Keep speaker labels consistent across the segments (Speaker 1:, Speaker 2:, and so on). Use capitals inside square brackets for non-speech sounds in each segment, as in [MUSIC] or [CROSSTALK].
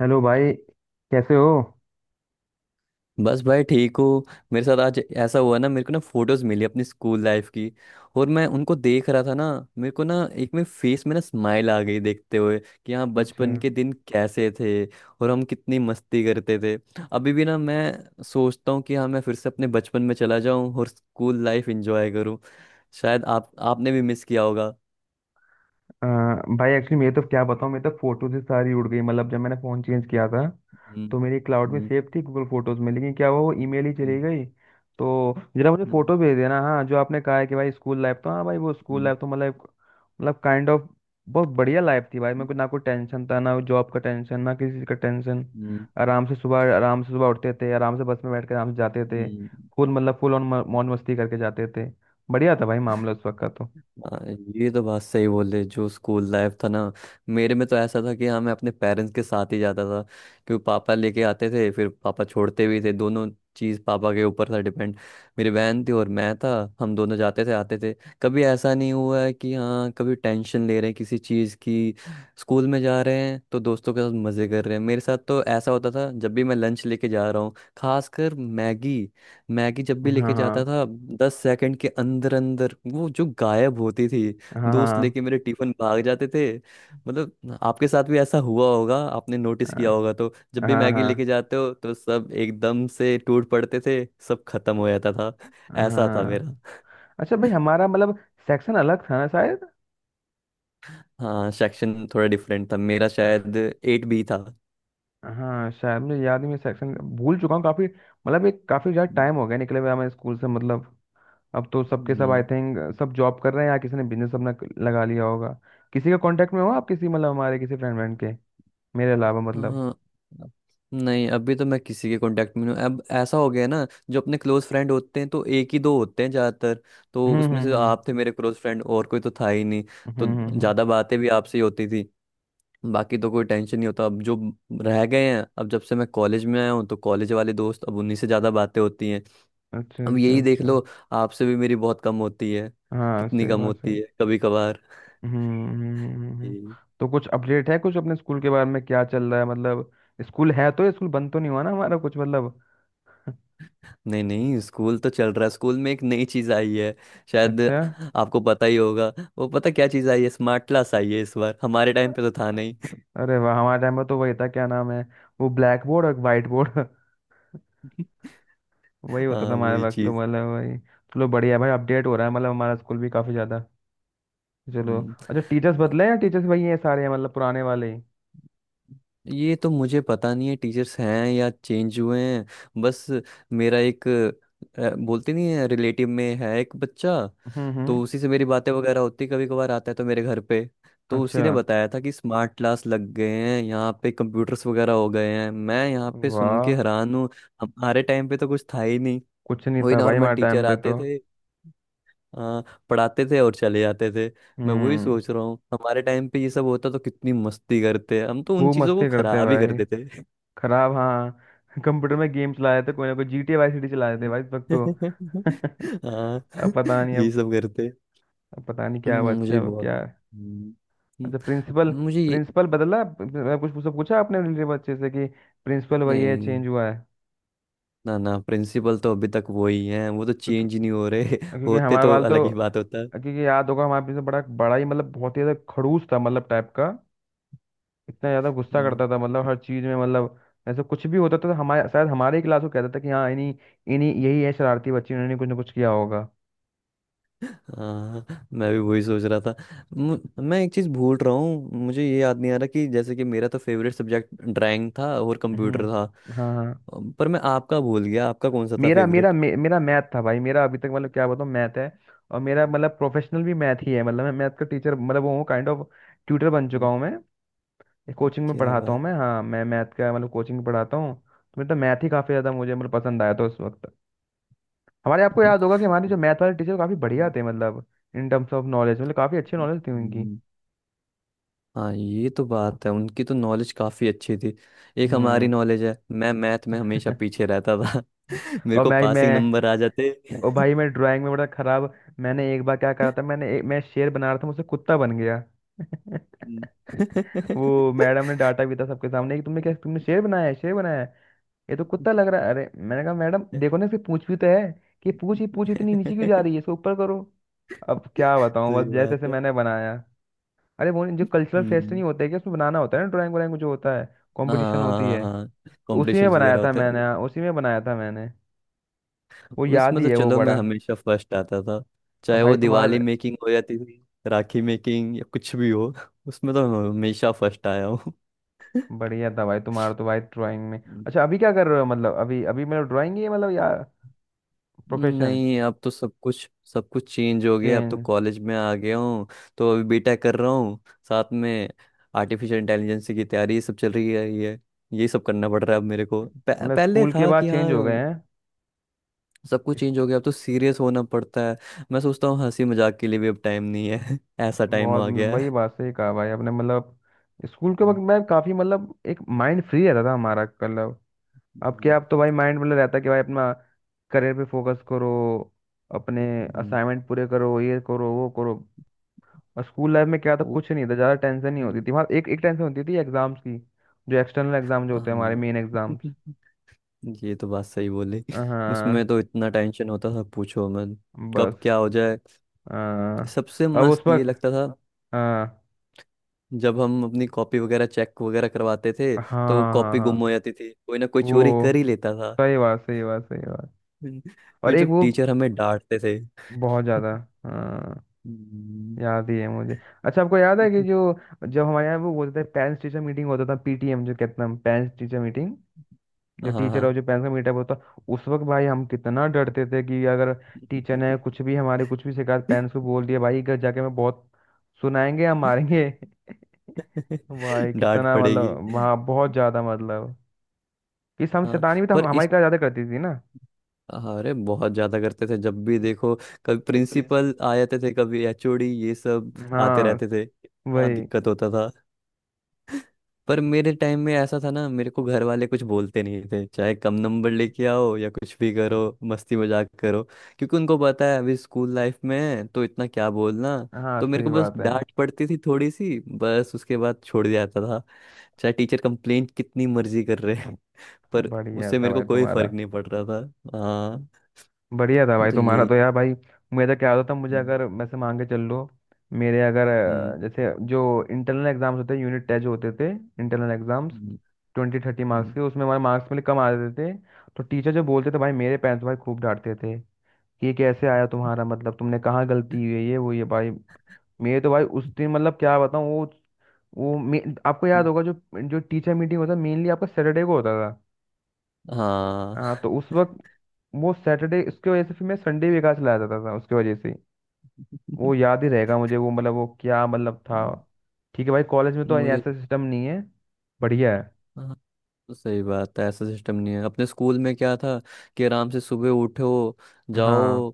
Speaker 1: Hello भाई। कैसे हो?
Speaker 2: बस भाई ठीक हूँ। मेरे साथ आज ऐसा हुआ ना, मेरे को ना फोटोज मिली अपनी स्कूल लाइफ की, और मैं उनको देख रहा था ना। मेरे को ना एक में फेस में ना स्माइल आ गई देखते हुए कि हाँ,
Speaker 1: अच्छा।
Speaker 2: बचपन के दिन कैसे थे और हम कितनी मस्ती करते थे। अभी भी ना मैं सोचता हूँ कि हाँ, मैं फिर से अपने बचपन में चला जाऊँ और स्कूल लाइफ एंजॉय करूँ। शायद आप आपने भी मिस किया होगा।
Speaker 1: अ, भाई एक्चुअली मैं तो क्या बताऊँ। मैं तो फोटो से सारी उड़ गई मतलब जब मैंने फ़ोन चेंज किया था
Speaker 2: हम्म।
Speaker 1: तो मेरी क्लाउड में
Speaker 2: हम्म।
Speaker 1: सेव थी, गूगल फोटोज में। लेकिन क्या हुआ, वो ईमेल ही
Speaker 2: हम्म।
Speaker 1: चली गई। तो जरा मुझे
Speaker 2: हम्म।
Speaker 1: फोटो भेज देना। हाँ, जो आपने कहा है कि भाई स्कूल लाइफ, तो हाँ भाई वो स्कूल
Speaker 2: हम्म।
Speaker 1: लाइफ तो मतलब काइंड ऑफ बहुत बढ़िया लाइफ थी भाई। मेरे
Speaker 2: हम्म।
Speaker 1: को ना कोई टेंशन था, ना जॉब का टेंशन, ना किसी चीज़ का टेंशन।
Speaker 2: हम्म,
Speaker 1: आराम से सुबह उठते थे, आराम से बस में बैठ कर आराम से जाते थे।
Speaker 2: हम्म,
Speaker 1: फुल ऑन मौज मस्ती करके जाते थे। बढ़िया था भाई, मामला उस वक्त का तो।
Speaker 2: हाँ, ये तो बात सही बोले जो स्कूल लाइफ था ना। मेरे में तो ऐसा था कि हाँ, मैं अपने पेरेंट्स के साथ ही जाता था, क्योंकि पापा लेके आते थे, फिर पापा छोड़ते भी थे। दोनों चीज़ पापा के ऊपर था डिपेंड। मेरी बहन थी और मैं था, हम दोनों जाते थे आते थे। कभी ऐसा नहीं हुआ है कि हाँ, कभी टेंशन ले रहे हैं किसी चीज़ की। स्कूल में जा रहे हैं तो दोस्तों के साथ मज़े कर रहे हैं। मेरे साथ तो ऐसा होता था, जब भी मैं लंच लेके जा रहा हूँ खासकर मैगी। मैगी जब भी
Speaker 1: हाँ,
Speaker 2: लेके जाता
Speaker 1: हाँ,
Speaker 2: था, 10 सेकंड के अंदर अंदर वो जो गायब होती थी,
Speaker 1: हाँ,
Speaker 2: दोस्त
Speaker 1: हाँ,
Speaker 2: लेके मेरे टिफिन भाग जाते थे। मतलब आपके साथ भी ऐसा हुआ होगा, आपने नोटिस किया होगा। तो जब
Speaker 1: हाँ,
Speaker 2: भी
Speaker 1: हाँ,
Speaker 2: मैगी लेके
Speaker 1: हाँ।
Speaker 2: जाते हो तो सब एकदम से टूट पड़ते थे, सब खत्म हो जाता था।
Speaker 1: हाँ,
Speaker 2: ऐसा था मेरा।
Speaker 1: हाँ। अच्छा भाई,
Speaker 2: [LAUGHS]
Speaker 1: हमारा मतलब सेक्शन अलग था ना शायद।
Speaker 2: हाँ, सेक्शन थोड़ा डिफरेंट था मेरा शायद। 8B था।
Speaker 1: हाँ, शायद मुझे याद नहीं, मैं सेक्शन भूल चुका हूँ। काफी मतलब एक काफी ज्यादा टाइम हो गया निकले हुए हमें स्कूल से मतलब। अब तो सबके सब, आई
Speaker 2: हम्म,
Speaker 1: थिंक, सब जॉब कर रहे हैं या किसी ने बिजनेस अपना लगा लिया होगा। किसी के कांटेक्ट में हो आप किसी मतलब हमारे किसी फ्रेंड फ्रेंड के, मेरे अलावा मतलब?
Speaker 2: हाँ, नहीं अभी तो मैं किसी के कांटेक्ट में नहीं हूँ। अब ऐसा हो गया है ना, जो अपने क्लोज फ्रेंड होते हैं तो एक ही दो होते हैं ज़्यादातर। तो
Speaker 1: हम्म,
Speaker 2: उसमें
Speaker 1: हम्म,
Speaker 2: से
Speaker 1: हम्म,
Speaker 2: आप थे मेरे क्लोज फ्रेंड, और कोई तो था ही नहीं।
Speaker 1: हम्म,
Speaker 2: तो
Speaker 1: हम्म, हम्म।
Speaker 2: ज़्यादा बातें भी आपसे ही होती थी। बाकी तो कोई टेंशन नहीं होता। अब जो रह गए हैं, अब जब से मैं कॉलेज में आया हूँ, तो कॉलेज वाले दोस्त, अब उन्हीं से ज़्यादा बातें होती हैं।
Speaker 1: अच्छा,
Speaker 2: अब
Speaker 1: अच्छा,
Speaker 2: यही देख
Speaker 1: अच्छा।
Speaker 2: लो, आपसे भी मेरी बहुत कम होती है।
Speaker 1: हाँ,
Speaker 2: कितनी
Speaker 1: सही
Speaker 2: कम
Speaker 1: बात, सही।
Speaker 2: होती है, कभी कभार।
Speaker 1: हम्म, हम्म, हम्म। तो कुछ अपडेट है, कुछ अपने स्कूल के बारे में क्या चल रहा है मतलब? स्कूल है, तो स्कूल बंद तो नहीं हुआ ना हमारा, कुछ मतलब? [LAUGHS]
Speaker 2: नहीं नहीं, स्कूल तो चल रहा है। स्कूल में एक नई चीज आई है शायद,
Speaker 1: अच्छा।
Speaker 2: आपको पता ही होगा। वो पता क्या चीज आई है, स्मार्ट क्लास आई है इस बार। हमारे टाइम पे तो था नहीं।
Speaker 1: अरे वाह! हमारे टाइम में तो वही था, क्या नाम है वो, ब्लैक बोर्ड और वाइट बोर्ड।
Speaker 2: [LAUGHS]
Speaker 1: [LAUGHS] वही होता था
Speaker 2: हाँ
Speaker 1: हमारे
Speaker 2: वही
Speaker 1: वक्त तो, मतलब वही। चलो, बढ़िया है भाई। अपडेट हो रहा है, मतलब हमारा स्कूल भी काफी ज्यादा। चलो।
Speaker 2: चीज।
Speaker 1: अच्छा, टीचर्स बदले हैं या टीचर्स वही हैं सारे हैं, मतलब पुराने वाले ही?
Speaker 2: ये तो मुझे पता नहीं है टीचर्स हैं या चेंज हुए हैं। बस मेरा एक बोलते नहीं है, रिलेटिव में है एक बच्चा।
Speaker 1: हम्म,
Speaker 2: तो
Speaker 1: हम्म।
Speaker 2: उसी से मेरी बातें वगैरह होती, कभी कभार आता है तो मेरे घर पे। तो
Speaker 1: अच्छा।
Speaker 2: उसी ने बताया था कि स्मार्ट क्लास लग गए हैं यहाँ पे, कंप्यूटर्स वगैरह हो गए हैं। मैं यहाँ पे सुन
Speaker 1: वाह।
Speaker 2: के हैरान हूँ। हमारे टाइम पे तो कुछ था ही नहीं।
Speaker 1: कुछ नहीं
Speaker 2: वही
Speaker 1: था भाई
Speaker 2: नॉर्मल
Speaker 1: हमारे टाइम
Speaker 2: टीचर
Speaker 1: पे
Speaker 2: आते
Speaker 1: तो।
Speaker 2: थे, हाँ, पढ़ाते थे और चले जाते थे। मैं वही
Speaker 1: हम्म।
Speaker 2: सोच रहा हूँ, हमारे टाइम पे ये सब होता तो कितनी मस्ती करते। हम तो उन
Speaker 1: खूब
Speaker 2: चीजों को
Speaker 1: मस्ती करते
Speaker 2: खराब ही
Speaker 1: भाई।
Speaker 2: करते थे।
Speaker 1: खराब, हाँ। [LAUGHS] कंप्यूटर में गेम चलाए थे, कोई ना कोई G T Y C D चलाए थे भाई इस
Speaker 2: हम्म,
Speaker 1: वक्त तो।
Speaker 2: [LAUGHS]
Speaker 1: [LAUGHS]
Speaker 2: हाँ
Speaker 1: अब पता
Speaker 2: [LAUGHS]
Speaker 1: नहीं।
Speaker 2: यही सब करते।
Speaker 1: अब पता नहीं क्या,
Speaker 2: मुझे
Speaker 1: बच्चे
Speaker 2: भी
Speaker 1: अब
Speaker 2: बहुत।
Speaker 1: क्या। अच्छा,
Speaker 2: हम्म,
Speaker 1: प्रिंसिपल।
Speaker 2: मुझे ये।
Speaker 1: प्रिंसिपल बदला कुछ पूछा पूछा आपने रिलेटिव बच्चे से कि प्रिंसिपल वही है,
Speaker 2: नहीं,
Speaker 1: चेंज हुआ है?
Speaker 2: ना ना, प्रिंसिपल तो अभी तक वही है। वो तो
Speaker 1: क्योंकि
Speaker 2: चेंज नहीं हो रहे। [LAUGHS]
Speaker 1: क्योंकि
Speaker 2: होते
Speaker 1: हमारा
Speaker 2: तो
Speaker 1: वाल
Speaker 2: अलग
Speaker 1: तो,
Speaker 2: ही बात होता।
Speaker 1: क्योंकि याद होगा हमारा प्रिंसिपल, बड़ा बड़ा ही मतलब, बहुत ही ज़्यादा खड़ूस था मतलब टाइप का। इतना ज़्यादा गुस्सा
Speaker 2: हम्म,
Speaker 1: करता था मतलब हर चीज़ में मतलब। ऐसा कुछ भी होता था तो हमारे शायद हमारे ही क्लास को कहता था कि हाँ, इन्हीं इन्हीं, यही है शरारती बच्चे, इन्होंने कुछ ना कुछ किया होगा।
Speaker 2: हाँ, मैं भी वही सोच रहा था। मैं एक चीज भूल रहा हूँ, मुझे ये याद नहीं आ रहा कि जैसे कि मेरा तो फेवरेट सब्जेक्ट ड्राइंग था और कंप्यूटर था।
Speaker 1: हम्म। हाँ, हाँ।
Speaker 2: पर मैं आपका भूल गया, आपका कौन सा था
Speaker 1: मेरा मेरा
Speaker 2: फेवरेट?
Speaker 1: मे, मेरा मैथ था भाई, मेरा अभी तक मतलब क्या बताऊँ, मैथ है। और मेरा मतलब प्रोफेशनल भी मैथ ही है, मतलब मैं मैथ का टीचर मतलब वो हूँ, काइंड ऑफ ट्यूटर बन चुका हूँ मैं। कोचिंग में
Speaker 2: क्या
Speaker 1: पढ़ाता हूँ
Speaker 2: बात।
Speaker 1: मैं। हाँ, मैं मैथ का मतलब कोचिंग में पढ़ाता हूँ। तो मेरा तो मैथ ही काफ़ी ज़्यादा मुझे मतलब पसंद आया था उस वक्त। हमारे आपको याद होगा कि हमारे जो मैथ वाले टीचर काफ़ी बढ़िया थे, मतलब इन टर्म्स ऑफ नॉलेज मतलब काफ़ी अच्छी नॉलेज थी उनकी।
Speaker 2: हम्म। हाँ, ये तो बात है, उनकी तो नॉलेज काफी अच्छी थी। एक हमारी
Speaker 1: हम्म।
Speaker 2: नॉलेज है, मैं मैथ में हमेशा पीछे रहता था।
Speaker 1: [LAUGHS]
Speaker 2: [LAUGHS] मेरे
Speaker 1: और
Speaker 2: को पासिंग
Speaker 1: मैं
Speaker 2: नंबर आ जाते।
Speaker 1: और भाई मैं ड्राइंग में बड़ा खराब। मैंने एक बार क्या करा था, मैं शेर बना रहा था, मुझसे कुत्ता बन गया। [LAUGHS]
Speaker 2: हम्म।
Speaker 1: वो मैडम ने डांटा भी था सबके सामने कि तुमने क्या, तुमने शेर बनाया है, शेर बनाया है? ये तो कुत्ता लग रहा है। अरे मैंने कहा मैडम देखो ना, इसकी पूंछ भी तो है। कि पूंछ ही पूंछ इतनी नीचे क्यों जा रही है,
Speaker 2: [LAUGHS]
Speaker 1: इसको ऊपर करो। अब क्या बताऊं,
Speaker 2: सही
Speaker 1: बस जैसे
Speaker 2: बात
Speaker 1: जैसे
Speaker 2: है।
Speaker 1: मैंने बनाया। अरे वो जो कल्चरल फेस्ट
Speaker 2: हम्म,
Speaker 1: नहीं होते कि उसमें बनाना होता है ना, ड्राइंग व्राइंग जो होता है, कंपटीशन होती
Speaker 2: हाँ,
Speaker 1: है।
Speaker 2: हाँ,
Speaker 1: तो उसी में
Speaker 2: कॉम्पिटिशन्स
Speaker 1: बनाया
Speaker 2: वगैरह
Speaker 1: था
Speaker 2: होते हैं।
Speaker 1: मैंने। हाँ, उसी में बनाया था मैंने। वो याद
Speaker 2: उसमें
Speaker 1: ही
Speaker 2: तो
Speaker 1: है, वो
Speaker 2: चलो मैं
Speaker 1: बड़ा।
Speaker 2: हमेशा फर्स्ट आता था,
Speaker 1: अब
Speaker 2: चाहे
Speaker 1: भाई
Speaker 2: वो
Speaker 1: तुम्हार
Speaker 2: दिवाली मेकिंग हो जाती थी, राखी मेकिंग, या कुछ भी हो, उसमें तो मैं हमेशा फर्स्ट आया हूँ।
Speaker 1: बढ़िया था भाई तुम्हारा तो भाई ड्राइंग में। अच्छा, अभी क्या कर रहे हो मतलब अभी, मेरा ड्राइंग ही है मतलब, या प्रोफेशन
Speaker 2: नहीं अब तो सब कुछ चेंज हो गया, अब तो
Speaker 1: चेंज,
Speaker 2: कॉलेज में आ गया हूँ। तो अभी बीटेक कर रहा हूँ, साथ में आर्टिफिशियल इंटेलिजेंस की तैयारी, ये सब चल रही है। ये सब करना पड़ रहा है अब। मेरे को
Speaker 1: मतलब
Speaker 2: पहले
Speaker 1: स्कूल के
Speaker 2: था
Speaker 1: बाद
Speaker 2: कि
Speaker 1: चेंज हो गए
Speaker 2: हाँ,
Speaker 1: हैं?
Speaker 2: सब कुछ चेंज हो
Speaker 1: इसको
Speaker 2: गया। अब तो सीरियस होना पड़ता है। मैं सोचता हूँ हंसी मजाक के लिए भी अब टाइम नहीं है। [LAUGHS] ऐसा टाइम
Speaker 1: बहुत
Speaker 2: आ
Speaker 1: मतलब,
Speaker 2: गया
Speaker 1: भाई ये
Speaker 2: है।
Speaker 1: बात सही कहा भाई आपने मतलब। स्कूल के वक्त
Speaker 2: हम्म,
Speaker 1: मैं काफी मतलब एक माइंड फ्री रहता था हमारा मतलब।
Speaker 2: हम्म,
Speaker 1: अब तो भाई माइंड मतलब रहता है कि भाई अपना करियर पे फोकस करो, अपने
Speaker 2: हम्म,
Speaker 1: असाइनमेंट पूरे करो, ये करो, वो करो। और स्कूल लाइफ में क्या था,
Speaker 2: वो-,
Speaker 1: कुछ नहीं था, ज्यादा टेंशन नहीं होती
Speaker 2: हम्म,
Speaker 1: थी। वहाँ एक एक टेंशन होती थी एग्जाम्स की, जो एक्सटर्नल एग्जाम जो होते हैं, हमारे
Speaker 2: हाँ।
Speaker 1: Main exams.
Speaker 2: [LAUGHS] ये तो बात सही बोली।
Speaker 1: हाँ।
Speaker 2: उसमें तो इतना टेंशन होता था, पूछो मैं,
Speaker 1: बस।
Speaker 2: कब क्या हो जाए।
Speaker 1: हाँ।
Speaker 2: सबसे
Speaker 1: और उस
Speaker 2: मस्त ये
Speaker 1: वक्त।
Speaker 2: लगता था
Speaker 1: हाँ,
Speaker 2: जब हम अपनी कॉपी वगैरह चेक वगैरह करवाते थे,
Speaker 1: हाँ, हाँ,
Speaker 2: तो
Speaker 1: हाँ, हाँ,
Speaker 2: कॉपी गुम हो
Speaker 1: हाँ।
Speaker 2: जाती थी, कोई ना कोई
Speaker 1: वो,
Speaker 2: चोरी कर ही लेता था।
Speaker 1: सही
Speaker 2: [LAUGHS]
Speaker 1: बात, सही बात, सही बात।
Speaker 2: हम्म,
Speaker 1: और
Speaker 2: फिर
Speaker 1: एक
Speaker 2: जब
Speaker 1: वो
Speaker 2: टीचर हमें डांटते थे।
Speaker 1: बहुत ज्यादा।
Speaker 2: [LAUGHS]
Speaker 1: हाँ,
Speaker 2: हम्म,
Speaker 1: याद ही है मुझे। अच्छा, आपको याद है कि जो
Speaker 2: [LAUGHS]
Speaker 1: जब हमारे यहाँ वो बोलते थे पेरेंट्स टीचर मीटिंग होता था, पीटीएम जो कहते हैं, पेरेंट्स टीचर मीटिंग, जो टीचर और
Speaker 2: हाँ,
Speaker 1: जो पेरेंट्स का मीटअप होता? उस वक्त भाई हम कितना डरते थे कि अगर टीचर ने कुछ भी हमारे कुछ भी शिकायत पेरेंट्स को
Speaker 2: [LAUGHS]
Speaker 1: बोल दिया, भाई घर जाके हमें बहुत सुनाएंगे या मारेंगे। [LAUGHS] भाई
Speaker 2: डांट
Speaker 1: कितना
Speaker 2: पड़ेगी।
Speaker 1: मतलब वहाँ बहुत ज्यादा मतलब कि हम
Speaker 2: हाँ
Speaker 1: शैतानी भी तो
Speaker 2: पर
Speaker 1: हम हमारी
Speaker 2: इस,
Speaker 1: क्लास ज्यादा करती थी ना।
Speaker 2: अरे बहुत ज्यादा करते थे जब भी देखो। कभी
Speaker 1: प्रिंसिपल।
Speaker 2: प्रिंसिपल आ जाते थे, कभी एचओडी, ये सब आते
Speaker 1: हाँ,
Speaker 2: रहते थे, इतना
Speaker 1: वही।
Speaker 2: दिक्कत होता था। पर मेरे टाइम में ऐसा था ना, मेरे को घर वाले कुछ बोलते नहीं थे। चाहे कम नंबर लेके आओ या कुछ भी करो, मस्ती मजाक करो, क्योंकि उनको पता है अभी स्कूल लाइफ में है, तो इतना क्या बोलना।
Speaker 1: हाँ,
Speaker 2: तो मेरे
Speaker 1: सही
Speaker 2: को बस
Speaker 1: बात है।
Speaker 2: डांट पड़ती थी थोड़ी सी, बस उसके बाद छोड़ दिया जाता। चाहे टीचर कंप्लेंट कितनी मर्जी कर रहे हैं, पर
Speaker 1: बढ़िया
Speaker 2: उससे
Speaker 1: था
Speaker 2: मेरे को
Speaker 1: भाई
Speaker 2: कोई
Speaker 1: तुम्हारा।
Speaker 2: फर्क नहीं पड़ रहा था। हाँ,
Speaker 1: बढ़िया था भाई
Speaker 2: तो
Speaker 1: तुम्हारा
Speaker 2: ये,
Speaker 1: तो यार भाई। मेरा क्या होता था, मुझे अगर
Speaker 2: हम्म,
Speaker 1: वैसे मान के चल लो। मेरे अगर
Speaker 2: हम्म,
Speaker 1: जैसे जो इंटरनल एग्जाम्स होते, यूनिट टेस्ट जो होते थे इंटरनल एग्जाम्स, 20-30 मार्क्स
Speaker 2: हम्म,
Speaker 1: के, उसमें हमारे मार्क्स मेरे कम आ जाते थे। तो टीचर जो बोलते थे भाई, मेरे पेरेंट्स भाई खूब डांटते थे कि ये कैसे आया तुम्हारा, मतलब तुमने कहाँ गलती हुई है, ये, वो, ये भाई। मेरे तो भाई उस दिन मतलब क्या बताऊँ वो। आपको याद
Speaker 2: हम्म,
Speaker 1: होगा जो जो टीचर मीटिंग होता मेनली आपका सैटरडे को होता था।
Speaker 2: हाँ,
Speaker 1: हाँ, तो उस वक्त वो सैटरडे, उसकी वजह से फिर मैं संडे भी बेकार चला जाता था उसकी वजह से। वो
Speaker 2: [LAUGHS]
Speaker 1: याद ही रहेगा मुझे, वो मतलब वो क्या मतलब था। ठीक है भाई, कॉलेज में तो
Speaker 2: मुझे।
Speaker 1: ऐसा सिस्टम नहीं है। बढ़िया है।
Speaker 2: हाँ, तो सही बात है, ऐसा सिस्टम नहीं है। अपने स्कूल में क्या था कि आराम से सुबह उठो,
Speaker 1: हाँ,
Speaker 2: जाओ,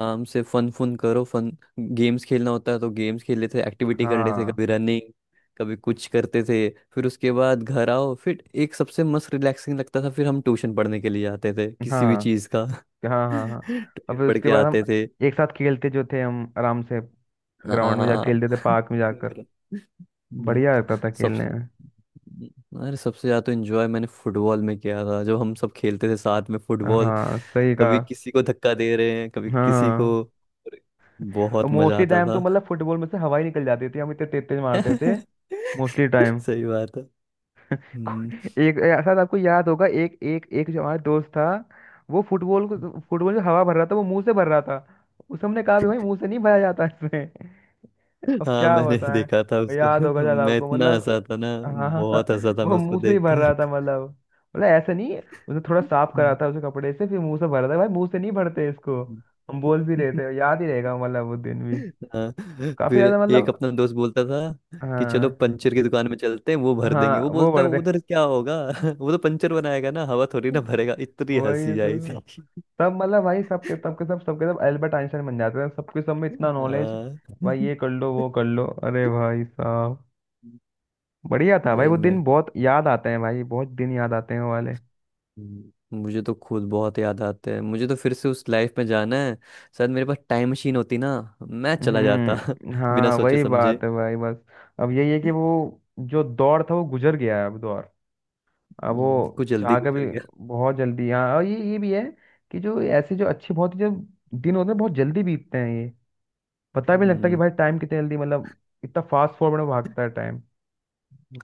Speaker 2: आराम से फन फन करो, फन, गेम्स खेलना होता है तो गेम्स खेल लेते थे, एक्टिविटी कर लेते थे,
Speaker 1: हाँ,
Speaker 2: कभी रनिंग, कभी कुछ करते थे। फिर उसके बाद घर आओ, फिर एक सबसे मस्त रिलैक्सिंग लगता था, फिर हम ट्यूशन पढ़ने के लिए आते थे किसी भी
Speaker 1: हाँ,
Speaker 2: चीज़ का।
Speaker 1: हाँ,
Speaker 2: [LAUGHS]
Speaker 1: हाँ, हाँ। और
Speaker 2: ट्यूशन
Speaker 1: फिर
Speaker 2: पढ़
Speaker 1: उसके
Speaker 2: के
Speaker 1: बाद हम
Speaker 2: आते थे।
Speaker 1: एक साथ खेलते जो थे हम, आराम से ग्राउंड में जा
Speaker 2: हाँ,
Speaker 1: खेलते थे, पार्क में जाकर।
Speaker 2: हम्म,
Speaker 1: बढ़िया लगता था
Speaker 2: सब,
Speaker 1: खेलने में।
Speaker 2: अरे सबसे ज्यादा तो एंजॉय मैंने फुटबॉल में किया था, जब हम सब खेलते थे साथ में फुटबॉल।
Speaker 1: हाँ, सही कहा।
Speaker 2: कभी
Speaker 1: हाँ,
Speaker 2: किसी को धक्का दे रहे हैं, कभी
Speaker 1: हाँ,
Speaker 2: किसी
Speaker 1: हाँ।
Speaker 2: को, अरे,
Speaker 1: और
Speaker 2: बहुत मजा
Speaker 1: मोस्टली
Speaker 2: आता
Speaker 1: टाइम तो
Speaker 2: था।
Speaker 1: मतलब फुटबॉल में से हवा ही निकल जाती थी, हम इतने तेज तेज मारते थे मोस्टली
Speaker 2: [LAUGHS]
Speaker 1: टाइम।
Speaker 2: सही बात है। हम्म,
Speaker 1: एक, शायद आपको याद होगा, एक एक एक जो हमारा दोस्त था, वो फुटबॉल को, फुटबॉल जो हवा भर रहा था वो मुंह से भर रहा था। उसे हमने कहा भी भाई मुंह से नहीं भरा जाता इसमें। [LAUGHS] अब
Speaker 2: हाँ,
Speaker 1: क्या
Speaker 2: मैंने
Speaker 1: होता
Speaker 2: देखा था
Speaker 1: है, याद होगा
Speaker 2: उसको। [LAUGHS]
Speaker 1: शायद
Speaker 2: मैं
Speaker 1: आपको
Speaker 2: इतना
Speaker 1: मतलब।
Speaker 2: हंसा था ना,
Speaker 1: हाँ, हाँ,
Speaker 2: बहुत हंसा था
Speaker 1: वो
Speaker 2: मैं उसको
Speaker 1: मुंह से ही भर
Speaker 2: देखकर।
Speaker 1: रहा था मतलब। मतलब ऐसे नहीं, उसे थोड़ा
Speaker 2: [LAUGHS]
Speaker 1: साफ करा
Speaker 2: हम्म,
Speaker 1: था उसे कपड़े से, फिर मुंह से भर रहा था, भाई मुंह से नहीं भरते इसको। हम बोल भी रहे
Speaker 2: हम्म।
Speaker 1: थे। याद ही रहेगा मतलब वो दिन भी
Speaker 2: हाँ,
Speaker 1: काफी
Speaker 2: फिर
Speaker 1: ज्यादा
Speaker 2: एक
Speaker 1: मतलब।
Speaker 2: अपना दोस्त बोलता था कि चलो
Speaker 1: हाँ,
Speaker 2: पंचर की दुकान में चलते हैं, वो भर
Speaker 1: हाँ,
Speaker 2: देंगे। वो
Speaker 1: वो
Speaker 2: बोलता है
Speaker 1: भर दे।
Speaker 2: उधर
Speaker 1: [LAUGHS]
Speaker 2: क्या होगा, [LAUGHS] वो तो पंचर बनाएगा ना, हवा थोड़ी ना भरेगा। इतनी
Speaker 1: वही
Speaker 2: हंसी आई
Speaker 1: तो।
Speaker 2: थी।
Speaker 1: सब मतलब भाई, सबके सबके सब एल्बर्ट आइंस्टाइन बन जाते हैं, सबके सब में इतना नॉलेज,
Speaker 2: हाँ,
Speaker 1: भाई ये कर लो वो कर लो, अरे भाई साहब। बढ़िया था भाई,
Speaker 2: सही
Speaker 1: वो
Speaker 2: में।
Speaker 1: दिन बहुत याद आते हैं भाई, बहुत दिन याद आते हैं वो वाले।
Speaker 2: हम्म, मुझे तो खुद बहुत याद आते हैं। मुझे तो फिर से उस लाइफ में जाना है, शायद मेरे पास टाइम मशीन होती ना, मैं चला जाता।
Speaker 1: हम्म।
Speaker 2: [LAUGHS] बिना
Speaker 1: हाँ,
Speaker 2: सोचे
Speaker 1: वही
Speaker 2: समझे।
Speaker 1: बात है भाई बस। अब यही है कि वो जो दौर था वो गुजर गया है, अब दौर, अब वो
Speaker 2: कुछ जल्दी
Speaker 1: चाह का भी।
Speaker 2: गुजर गया।
Speaker 1: बहुत जल्दी, हाँ। और ये भी है कि जो ऐसे जो अच्छे, बहुत ही जो दिन होते हैं, बहुत जल्दी बीतते हैं। ये पता भी नहीं लगता कि
Speaker 2: हम्म,
Speaker 1: भाई टाइम कितने जल्दी मतलब इतना फास्ट फॉरवर्ड में भागता है टाइम।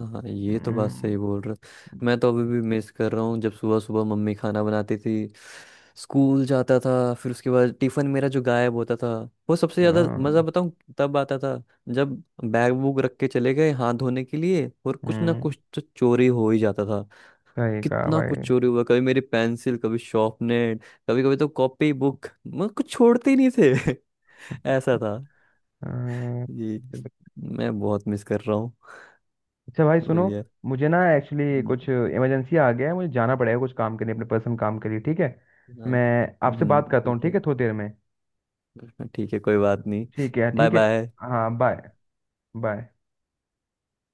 Speaker 2: हाँ, ये तो बात सही बोल रहा। मैं तो अभी भी मिस कर रहा हूँ, जब सुबह सुबह मम्मी खाना बनाती थी, स्कूल जाता था, फिर उसके बाद टिफिन मेरा जो गायब होता था, वो सबसे ज्यादा
Speaker 1: हाँ।
Speaker 2: मजा, बताऊँ, तब आता था, जब बैग वूग रख के चले गए हाथ धोने के लिए, और कुछ ना
Speaker 1: हम्म,
Speaker 2: कुछ तो चोरी हो ही जाता था।
Speaker 1: सही कहा
Speaker 2: कितना
Speaker 1: भाई।
Speaker 2: कुछ चोरी हुआ, कभी मेरी पेंसिल, कभी शार्पनर, कभी कभी तो कॉपी बुक, मैं कुछ छोड़ते ही नहीं थे। [LAUGHS] ऐसा था
Speaker 1: हाँ।
Speaker 2: जी। मैं बहुत मिस कर रहा हूँ,
Speaker 1: अच्छा भाई सुनो,
Speaker 2: वही है।
Speaker 1: मुझे ना एक्चुअली
Speaker 2: हम्म।
Speaker 1: कुछ इमरजेंसी आ गया है, मुझे जाना पड़ेगा कुछ काम के लिए, अपने पर्सनल काम के लिए, ठीक है?
Speaker 2: हाँ,
Speaker 1: मैं आपसे बात करता हूँ,
Speaker 2: ठीक
Speaker 1: ठीक
Speaker 2: है।
Speaker 1: है, थोड़ी देर में।
Speaker 2: हाँ, ठीक है, कोई बात नहीं।
Speaker 1: ठीक है,
Speaker 2: बाय
Speaker 1: ठीक है।
Speaker 2: बाय।
Speaker 1: हाँ, बाय। बाय।